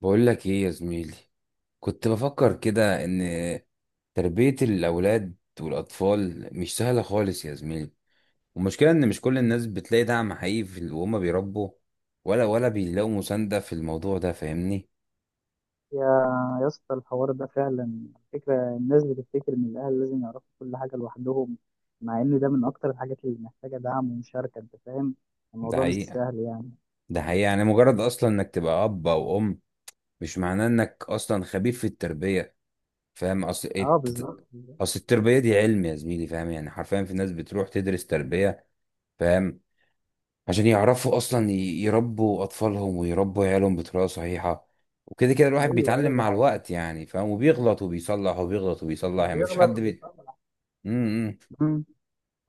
بقول لك ايه يا زميلي؟ كنت بفكر كده ان تربية الاولاد والاطفال مش سهلة خالص يا زميلي. والمشكلة ان مش كل الناس بتلاقي دعم حقيقي في وهم بيربوا، ولا بيلاقوا مساندة في الموضوع ده، فاهمني؟ يا يا اسطى الحوار ده فعلا فكرة الناس بتفتكر إن الأهل لازم يعرفوا كل حاجة لوحدهم، مع إن ده من أكتر الحاجات اللي محتاجة دعم ومشاركة. أنت فاهم، ده الموضوع مش حقيقة، سهل يعني. ده حقيقة. يعني مجرد اصلا انك تبقى اب او ام مش معناه انك اصلا خبير في التربية، فاهم؟ أه بالظبط بالظبط. اصل التربية دي علم يا زميلي، فاهم؟ يعني حرفيا في ناس بتروح تدرس تربية، فاهم؟ عشان يعرفوا اصلا ي- يربوا اطفالهم ويربوا عيالهم بطريقه صحيحه. وكده كده الواحد أيوه بيتعلم أيوه، ده مع حقيقي، الوقت يعني، فاهم؟ وبيغلط وبيصلح وبيغلط وبيصلح، يعني مفيش بيغلط حد وبيفهم. امم مم.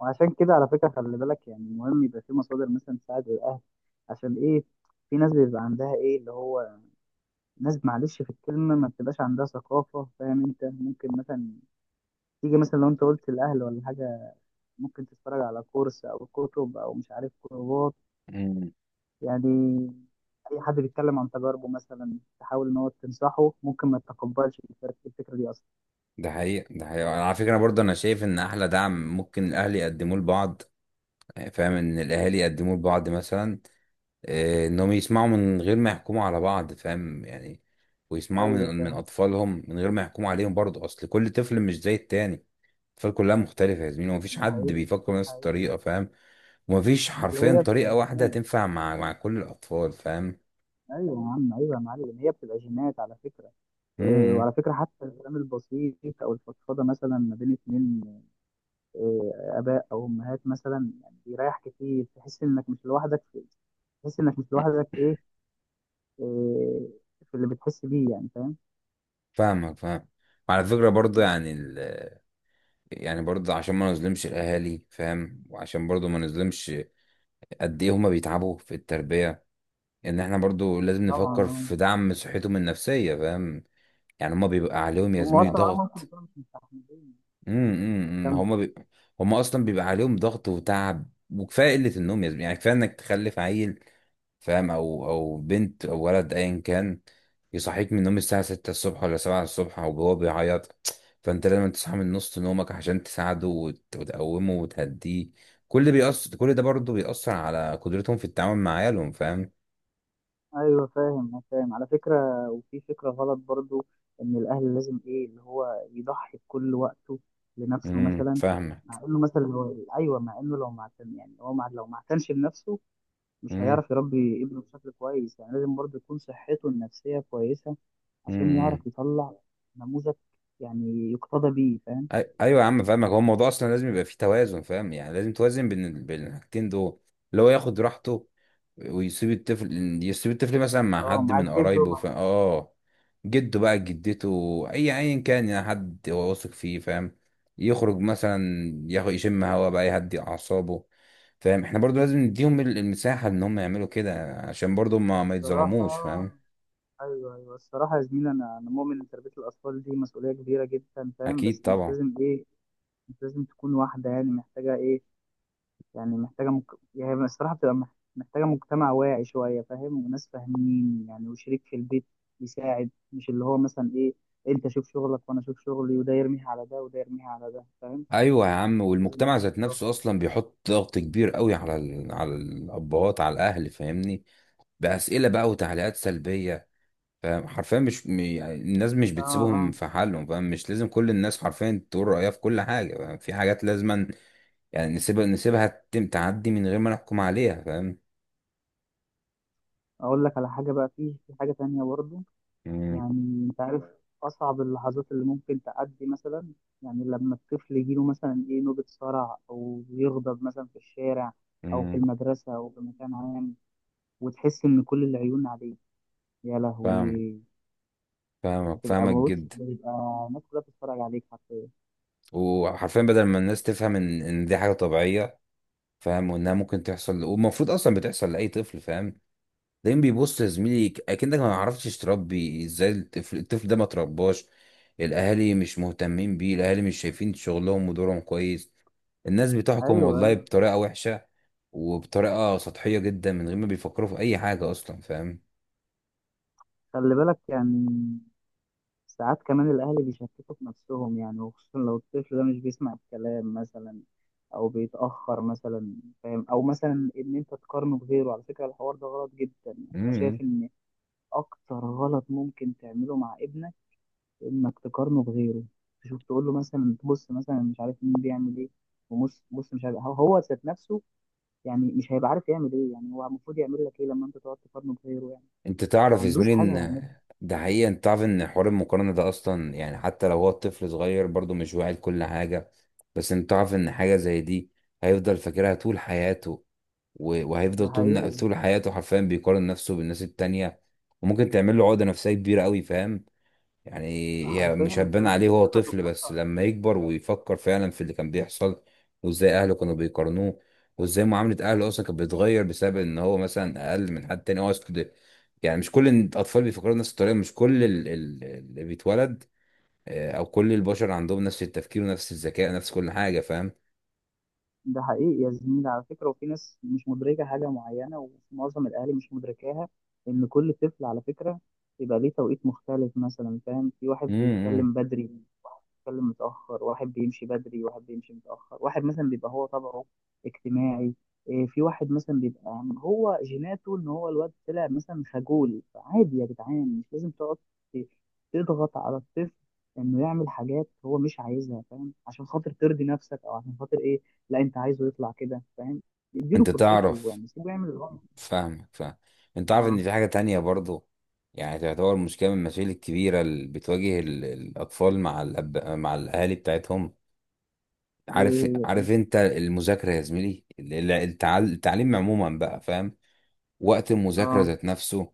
وعشان كده على فكرة خلي بالك، يعني مهم يبقى في مصادر مثلا تساعد الأهل. عشان إيه؟ في ناس بيبقى عندها إيه اللي هو، ناس معلش في الكلمة ما بتبقاش عندها ثقافة. فاهم؟ أنت ممكن مثلا تيجي مثلا، لو أنت قلت الأهل ولا حاجة، ممكن تتفرج على كورس او كتب او مش عارف كورسات. مم. يعني اي حد بيتكلم عن تجاربه مثلا تحاول ان هو تنصحه، ممكن ما تتقبلش الفكرة، الفكرة دي اصلا. ده حقيقة، ده حقيقة. أنا على فكرة، أنا برضه أنا شايف إن أحلى دعم ممكن الأهل يقدموه لبعض، فاهم؟ إن الأهالي يقدموه لبعض مثلا، آه، إنهم يسمعوا من غير ما يحكموا على بعض، فاهم يعني؟ ويسمعوا ايوه من فاهم. أطفالهم من غير ما يحكموا عليهم برضه. أصل كل طفل مش زي التاني. الأطفال كلها مختلفة يا زميلي، ومفيش ده حد حقيقي، بيفكر ده بنفس حقيقي. الطريقة، فاهم؟ ومفيش بس حرفيا هي طريقة بتبقى واحدة جينات. تنفع مع كل الأطفال، فاهم؟ ايوه يا عم، ايوه يا معلم، هي بتبقى جينات على فكرة. امم، و- وعلى فكرة حتى الكلام البسيط أو الفضفضة مثلا ما بين اتنين، آه، آباء أو أمهات مثلا، يعني بيريح كتير، تحس إنك مش لوحدك في، تحس إنك مش لوحدك إيه، إيه، في اللي بتحس بيه يعني. فاهم؟ فاهمك، فاهم. وعلى فكرة برضه يعني برضه عشان ما نظلمش الأهالي، فاهم؟ وعشان برضه ما نظلمش قد إيه هما بيتعبوا في التربية. إن إحنا برضه لازم نفكر طبعا. في دعم صحتهم النفسية، فاهم؟ يعني هما بيبقى عليهم يا هم زميلي اصلا طبعا هم ممكن ضغط. يكونوا مش مستحملين امم امم، امم. كم. هم بي... هم اصلا بيبقى عليهم ضغط وتعب وكفايه قله النوم يا زميلي، يعني كفايه انك تخلف عيل، فاهم؟ او بنت او ولد ايا كان، يصحيك من النوم الساعه 6 الصبح ولا 7 الصبح وهو بيعيط. فانت لازم تصحى من نص نومك عشان تساعده وتقومه وتهديه. كل ده بيأثر، كل ده برضه بيأثر على قدرتهم في التعامل مع عيالهم، فاهم؟ ايوه فاهم، أنا فاهم على فكره، وفي فكره غلط برضو ان الاهل لازم ايه اللي هو يضحي بكل وقته لنفسه مثلا. فاهمك. مع انه مثلا هو ايوه، مع انه لو ما اعتن يعني هو مع لو ما اعتنش بنفسه، مش هيعرف يربي ابنه بشكل كويس. يعني لازم برضو يكون صحته النفسيه كويسه عشان امم يعرف يطلع نموذج يعني يقتدى بيه. فاهم؟ ايوه يا عم، فاهمك. هو الموضوع اصلا لازم يبقى فيه توازن، فاهم؟ يعني لازم توازن بين بين الحاجتين دول، اللي هو ياخد راحته ويسيب الطفل، يسيب الطفل مثلا مع اه حد معاك من قرايبه، جزء. فاهم؟ اه، جده بقى، جدته، اي ايا كان، يعني حد هو واثق فيه، فاهم؟ يخرج مثلا، ياخد يشم هوا بقى، يهدي اعصابه، فاهم؟ احنا برضو لازم نديهم المساحة ان هم يعملوا كده عشان برضو ما الصراحة يتظلموش، فاهم؟ أيوه أيوه، الصراحة يا زميلي، أنا مؤمن إن تربية الأطفال دي مسؤولية كبيرة جدا. فاهم؟ اكيد بس مش طبعا. لازم إيه، مش لازم تكون واحدة يعني محتاجة إيه، يعني يعني الصراحة بتبقى محتاجة مجتمع واعي شوية. فاهم؟ وناس فاهمين يعني، وشريك في البيت يساعد. مش اللي هو مثلا إيه، أنت شوف شغلك وأنا أشوف شغلي، وده يرميها على ده وده يرميها على ده. فاهم؟ ايوه يا عم، لازم والمجتمع يكون ذات في نفسه رقابة. اصلا بيحط ضغط كبير قوي على على الابهات، على الاهل، فاهمني؟ باسئله بقى وتعليقات سلبيه، فاهم؟ حرفيا مش م- يعني الناس مش آه بتسيبهم آه. في حالهم، فاهم؟ مش لازم كل الناس حرفيا تقول رايها في كل حاجه، فاهم؟ في حاجات لازما يعني نسيبها، نسيبها تعدي من غير ما نحكم عليها، فاهم؟ أقول لك على حاجة بقى، في حاجة تانية برضه. امم، يعني انت عارف اصعب اللحظات اللي ممكن تعدي مثلا، يعني لما الطفل يجيله مثلا ايه نوبة صرع او يغضب مثلا في الشارع، او في امم. المدرسة، او في مكان عام، وتحس ان كل العيون عليك. يا فاهم. لهوي، فاهمك، بتبقى فاهمك بص، جدا. بتبقى الناس كلها بتتفرج عليك حرفيا. وحرفيا بدل ما الناس تفهم ان دي حاجه طبيعيه، فاهم؟ وانها ممكن تحصل، والمفروض اصلا بتحصل لاي طفل، فاهم؟ دايما بيبص يا زميلي اكنك ما عرفتش تربي ازاي. الطفل، الطفل ده ما ترباش، الاهالي مش مهتمين بيه، الاهالي مش شايفين شغلهم ودورهم كويس. الناس بتحكم ايوه والله ايوه. بطريقة وحشة، وبطريقة سطحية جدا، من غير ما بيفكروا في اي حاجة اصلا، فاهم؟ خلي بالك، يعني ساعات كمان الأهل بيشككوا في نفسهم، يعني وخصوصا لو الطفل ده مش بيسمع الكلام مثلا، أو بيتأخر مثلا. فاهم؟ أو مثلا إن أنت تقارنه بغيره. على فكرة الحوار ده غلط جدا. يعني أنا امم شايف إن أكتر غلط ممكن تعمله مع ابنك إنك تقارنه بغيره، تشوف تقول له مثلا تبص مثلا مش عارف مين بيعمل إيه، وبص بص مش عارف، هو هو ذات نفسه يعني مش هيبقى عارف يعمل إيه. يعني هو المفروض يعمل لك إيه لما أنت تقعد تقارنه بغيره يعني؟ انت ما تعرف يا عندوش زميلي حاجة ان يعملها. ده حقيقة. انت تعرف ان حوار المقارنة ده اصلا يعني، حتى لو هو الطفل صغير برضه مش واعي لكل حاجة، بس انت تعرف ان حاجة زي دي هيفضل فاكرها طول حياته. ده وهيفضل طول حقيقي، طول حياته حرفيا بيقارن نفسه بالناس التانية، وممكن تعمل له عقدة نفسية كبيرة قوي، فاهم؟ يعني هي مش حرفيا هتبان كمان عليه وهو ثقته طفل، بس بنفسه. لما يكبر ويفكر فعلا في اللي كان بيحصل، وازاي اهله كانوا بيقارنوه، وازاي معاملة اهله اصلا كانت بتتغير بسبب ان هو مثلا اقل من حد تاني، يعني مش كل الاطفال بيفكروا نفس الطريقة. مش كل اللي بيتولد، آه، او كل البشر عندهم نفس التفكير ونفس الذكاء، نفس كل حاجة، فاهم؟ ده حقيقي يا زميلي على فكرة، وفي ناس مش مدركة حاجة معينة، ومعظم الأهالي مش مدركاها إن كل طفل على فكرة يبقى ليه توقيت مختلف مثلا. فاهم؟ في واحد امم بيتكلم بدري، بيتكلم متأخر، واحد بيمشي بدري، واحد بيمشي متأخر، واحد مثلا بيبقى هو طبعه اجتماعي، إيه، في واحد مثلا بيبقى يعني هو جيناته ان هو الواد طلع مثلا خجول. فعادي يا جدعان، مش لازم تقعد ت- تضغط على الطفل انه يعمل حاجات هو مش عايزها. فاهم؟ عشان خاطر ترضي نفسك او عشان خاطر ايه، لا انت عايزه يطلع كده. فاهم؟ اديله انت فرصته، تعرف. يعني سيبه يعمل اللي هو. فاهمك، فاهم. انت عارف اه ان في حاجة تانية برضو، يعني تعتبر مشكلة من المشاكل الكبيرة اللي بتواجه الأطفال مع مع الأهالي بتاعتهم. ايه، عارف، هي طيب. عارف انت المذاكرة يا زميلي، التعليم عموما بقى، فاهم؟ وقت المذاكرة اه ذات نفسه،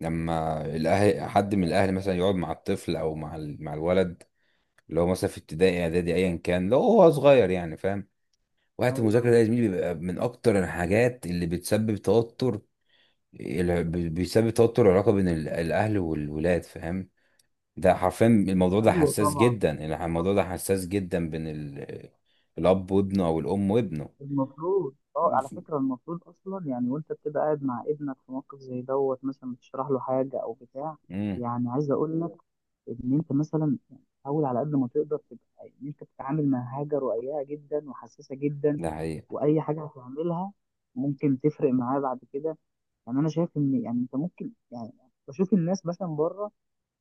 لما الأهل، حد من الأهل مثلا، يقعد مع الطفل أو مع مع الولد اللي هو مثلا في ابتدائي إعدادي أيا كان، لو هو صغير يعني، فاهم؟ وقت ايوه ايوه. المذاكرة ده يا زميلي بيبقى من أكتر الحاجات اللي بتسبب توتر. بيسبب توتر العلاقه بين الاهل والولاد، فاهم؟ ده حرفيا الموضوع ده أيوه، حساس طبعا جدا، الموضوع ده طبعا. حساس جدا بين الاب وابنه او الام وابنه. المفروض اه على فكرة المفروض اصلا، يعني وانت بتبقى قاعد مع ابنك في موقف زي دوت مثلا بتشرح له حاجة او بتاع، امم، يعني عايز اقول لك ان انت مثلا، يعني حاول على قد ما تقدر تبقى ان انت بتتعامل مع حاجة رقيقة جدا وحساسة جدا، ده حقيقي. واي حاجة هتعملها ممكن تفرق معاه بعد كده. يعني انا شايف ان يعني انت ممكن يعني، بشوف الناس مثلا بره،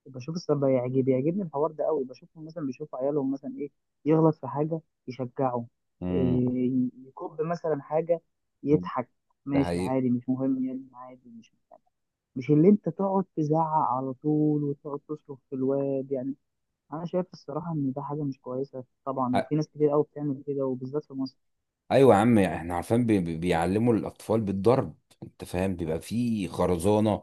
بشوف الصراحة بيعجبني الحوار ده قوي، بشوفهم مثلا بيشوفوا عيالهم مثلا ايه يغلط في حاجة يشجعه، امم، إيه يكب مثلا حاجة، يضحك، ده ماشي حقيقي. عادي مش مهم يعني عادي مش مهم. مش اللي انت تقعد تزعق على طول وتقعد تصرخ في الواد يعني. انا شايف الصراحة ان ده حاجة مش كويسة طبعا، أ- وفي ناس كتير قوي بتعمل كده وبالذات في مصر. ايوه يا عم، احنا عارفين بيعلموا الاطفال بالضرب، انت فاهم؟ بيبقى فيه خرزانه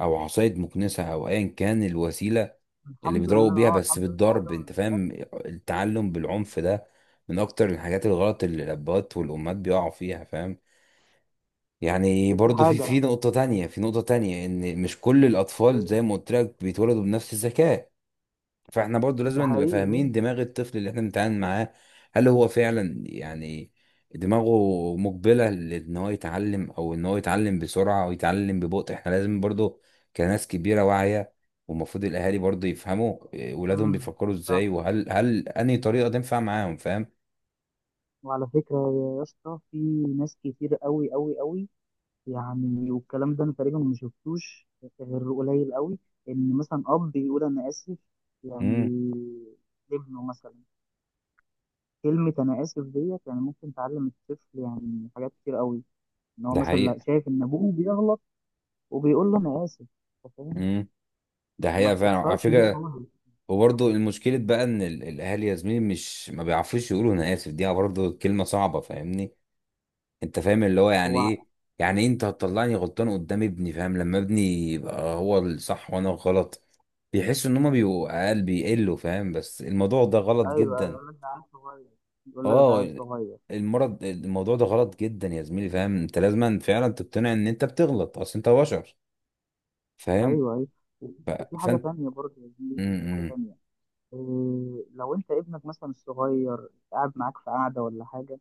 او عصايه مكنسه او ايا كان الوسيله اللي الحمد بيضربوا لله، بيها. اه بس الحمد لله، الحوار ده بالضرب ما انت فاهم، بيقلش. التعلم بالعنف ده من اكتر الحاجات الغلط اللي الابهات والامهات بيقعوا فيها، فاهم؟ يعني وفي برضو في حاجة، في نقطة تانية، في نقطة تانية ان مش كل الاطفال زي ما قلت لك بيتولدوا بنفس الذكاء. فاحنا برضو لازم ده نبقى حقيقي. فاهمين دماغ الطفل اللي احنا بنتعامل معاه، هل هو فعلا يعني دماغه مقبلة لان هو يتعلم، او ان هو يتعلم بسرعة او يتعلم ببطء. احنا لازم برضو كناس كبيرة واعية، والمفروض الاهالي برضو يفهموا، إيه، ولادهم مم. بيفكروا ازاي، وهل انهي طريقة تنفع معاهم، فاهم؟ وعلى فكرة يا اسطى، في ناس كتير قوي قوي قوي، يعني والكلام ده انا تقريبا ما شفتوش غير قليل قوي، ان مثلا اب يقول انا اسف امم يعني لابنه مثلا. كلمة انا اسف ديت يعني ممكن تعلم الطفل يعني حاجات كتير قوي، ان هو ده مثلا لا حقيقة. شايف ان ابوه بيغلط وبيقول له انا اسف. أنت فاهم؟ امم ده ما حقيقة فعلا على بتحصلش دي فكرة. خالص. وبرضه المشكلة بقى ان الاهالي يا زميلي مش ما بيعرفوش يقولوا انا اسف. دي برضه كلمة صعبة، فاهمني؟ انت فاهم اللي هو يعني هو، ايه؟ يعني ايه انت هتطلعني غلطان قدام ابني، فاهم؟ لما ابني يبقى هو الصح وانا الغلط، بيحسوا ان هما بيبقوا اقل، بيقلوا، فاهم؟ بس الموضوع ده غلط ايوه ايوه جدا. يقول لك ده عيل صغير، يقول لك ده عيل اه، صغير. المرض، الموضوع ده غلط جدا يا زميلي، فاهم؟ انت لازم فعلا تقتنع ان انت بتغلط، اصل انت بشر، فاهم؟ ايوه ايوه. وفي حاجة فانت تانية برضه يا زميلي، م في حاجة -م تانية، إيه، لو انت ابنك مثلا الصغير قاعد معاك في قعده ولا حاجه،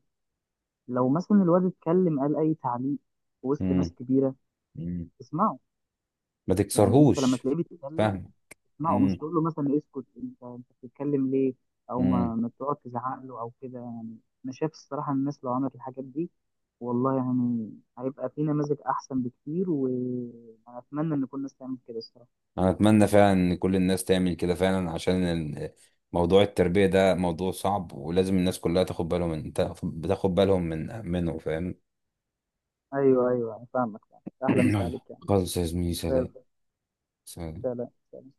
لو مثلا الواد اتكلم قال اي تعليق في وسط -م ناس كبيره، -م. اسمعه. ما يعني انت لما تكسرهوش، تلاقيه بيتكلم فاهم؟ اسمعه، م مش تقول له مثلا اسكت انت بتتكلم ليه، او -م. ما تقعد تزعق له او كده يعني. انا شايف الصراحه الناس لو عملت الحاجات دي، والله يعني هيبقى في نماذج احسن بكتير، وانا اتمنى ان كل الناس تعمل كده الصراحه. انا اتمنى فعلا ان كل الناس تعمل كده فعلا، عشان موضوع التربية ده موضوع صعب، ولازم الناس كلها تاخد بالهم من، تاخد بالهم منه، فاهم؟ ايوه ايوه، أنا فاهمك فاهمك. احلى مسا عليك يعني. خلاص يا زميلي، زي سلام. الفل. سلام. سلام سلام.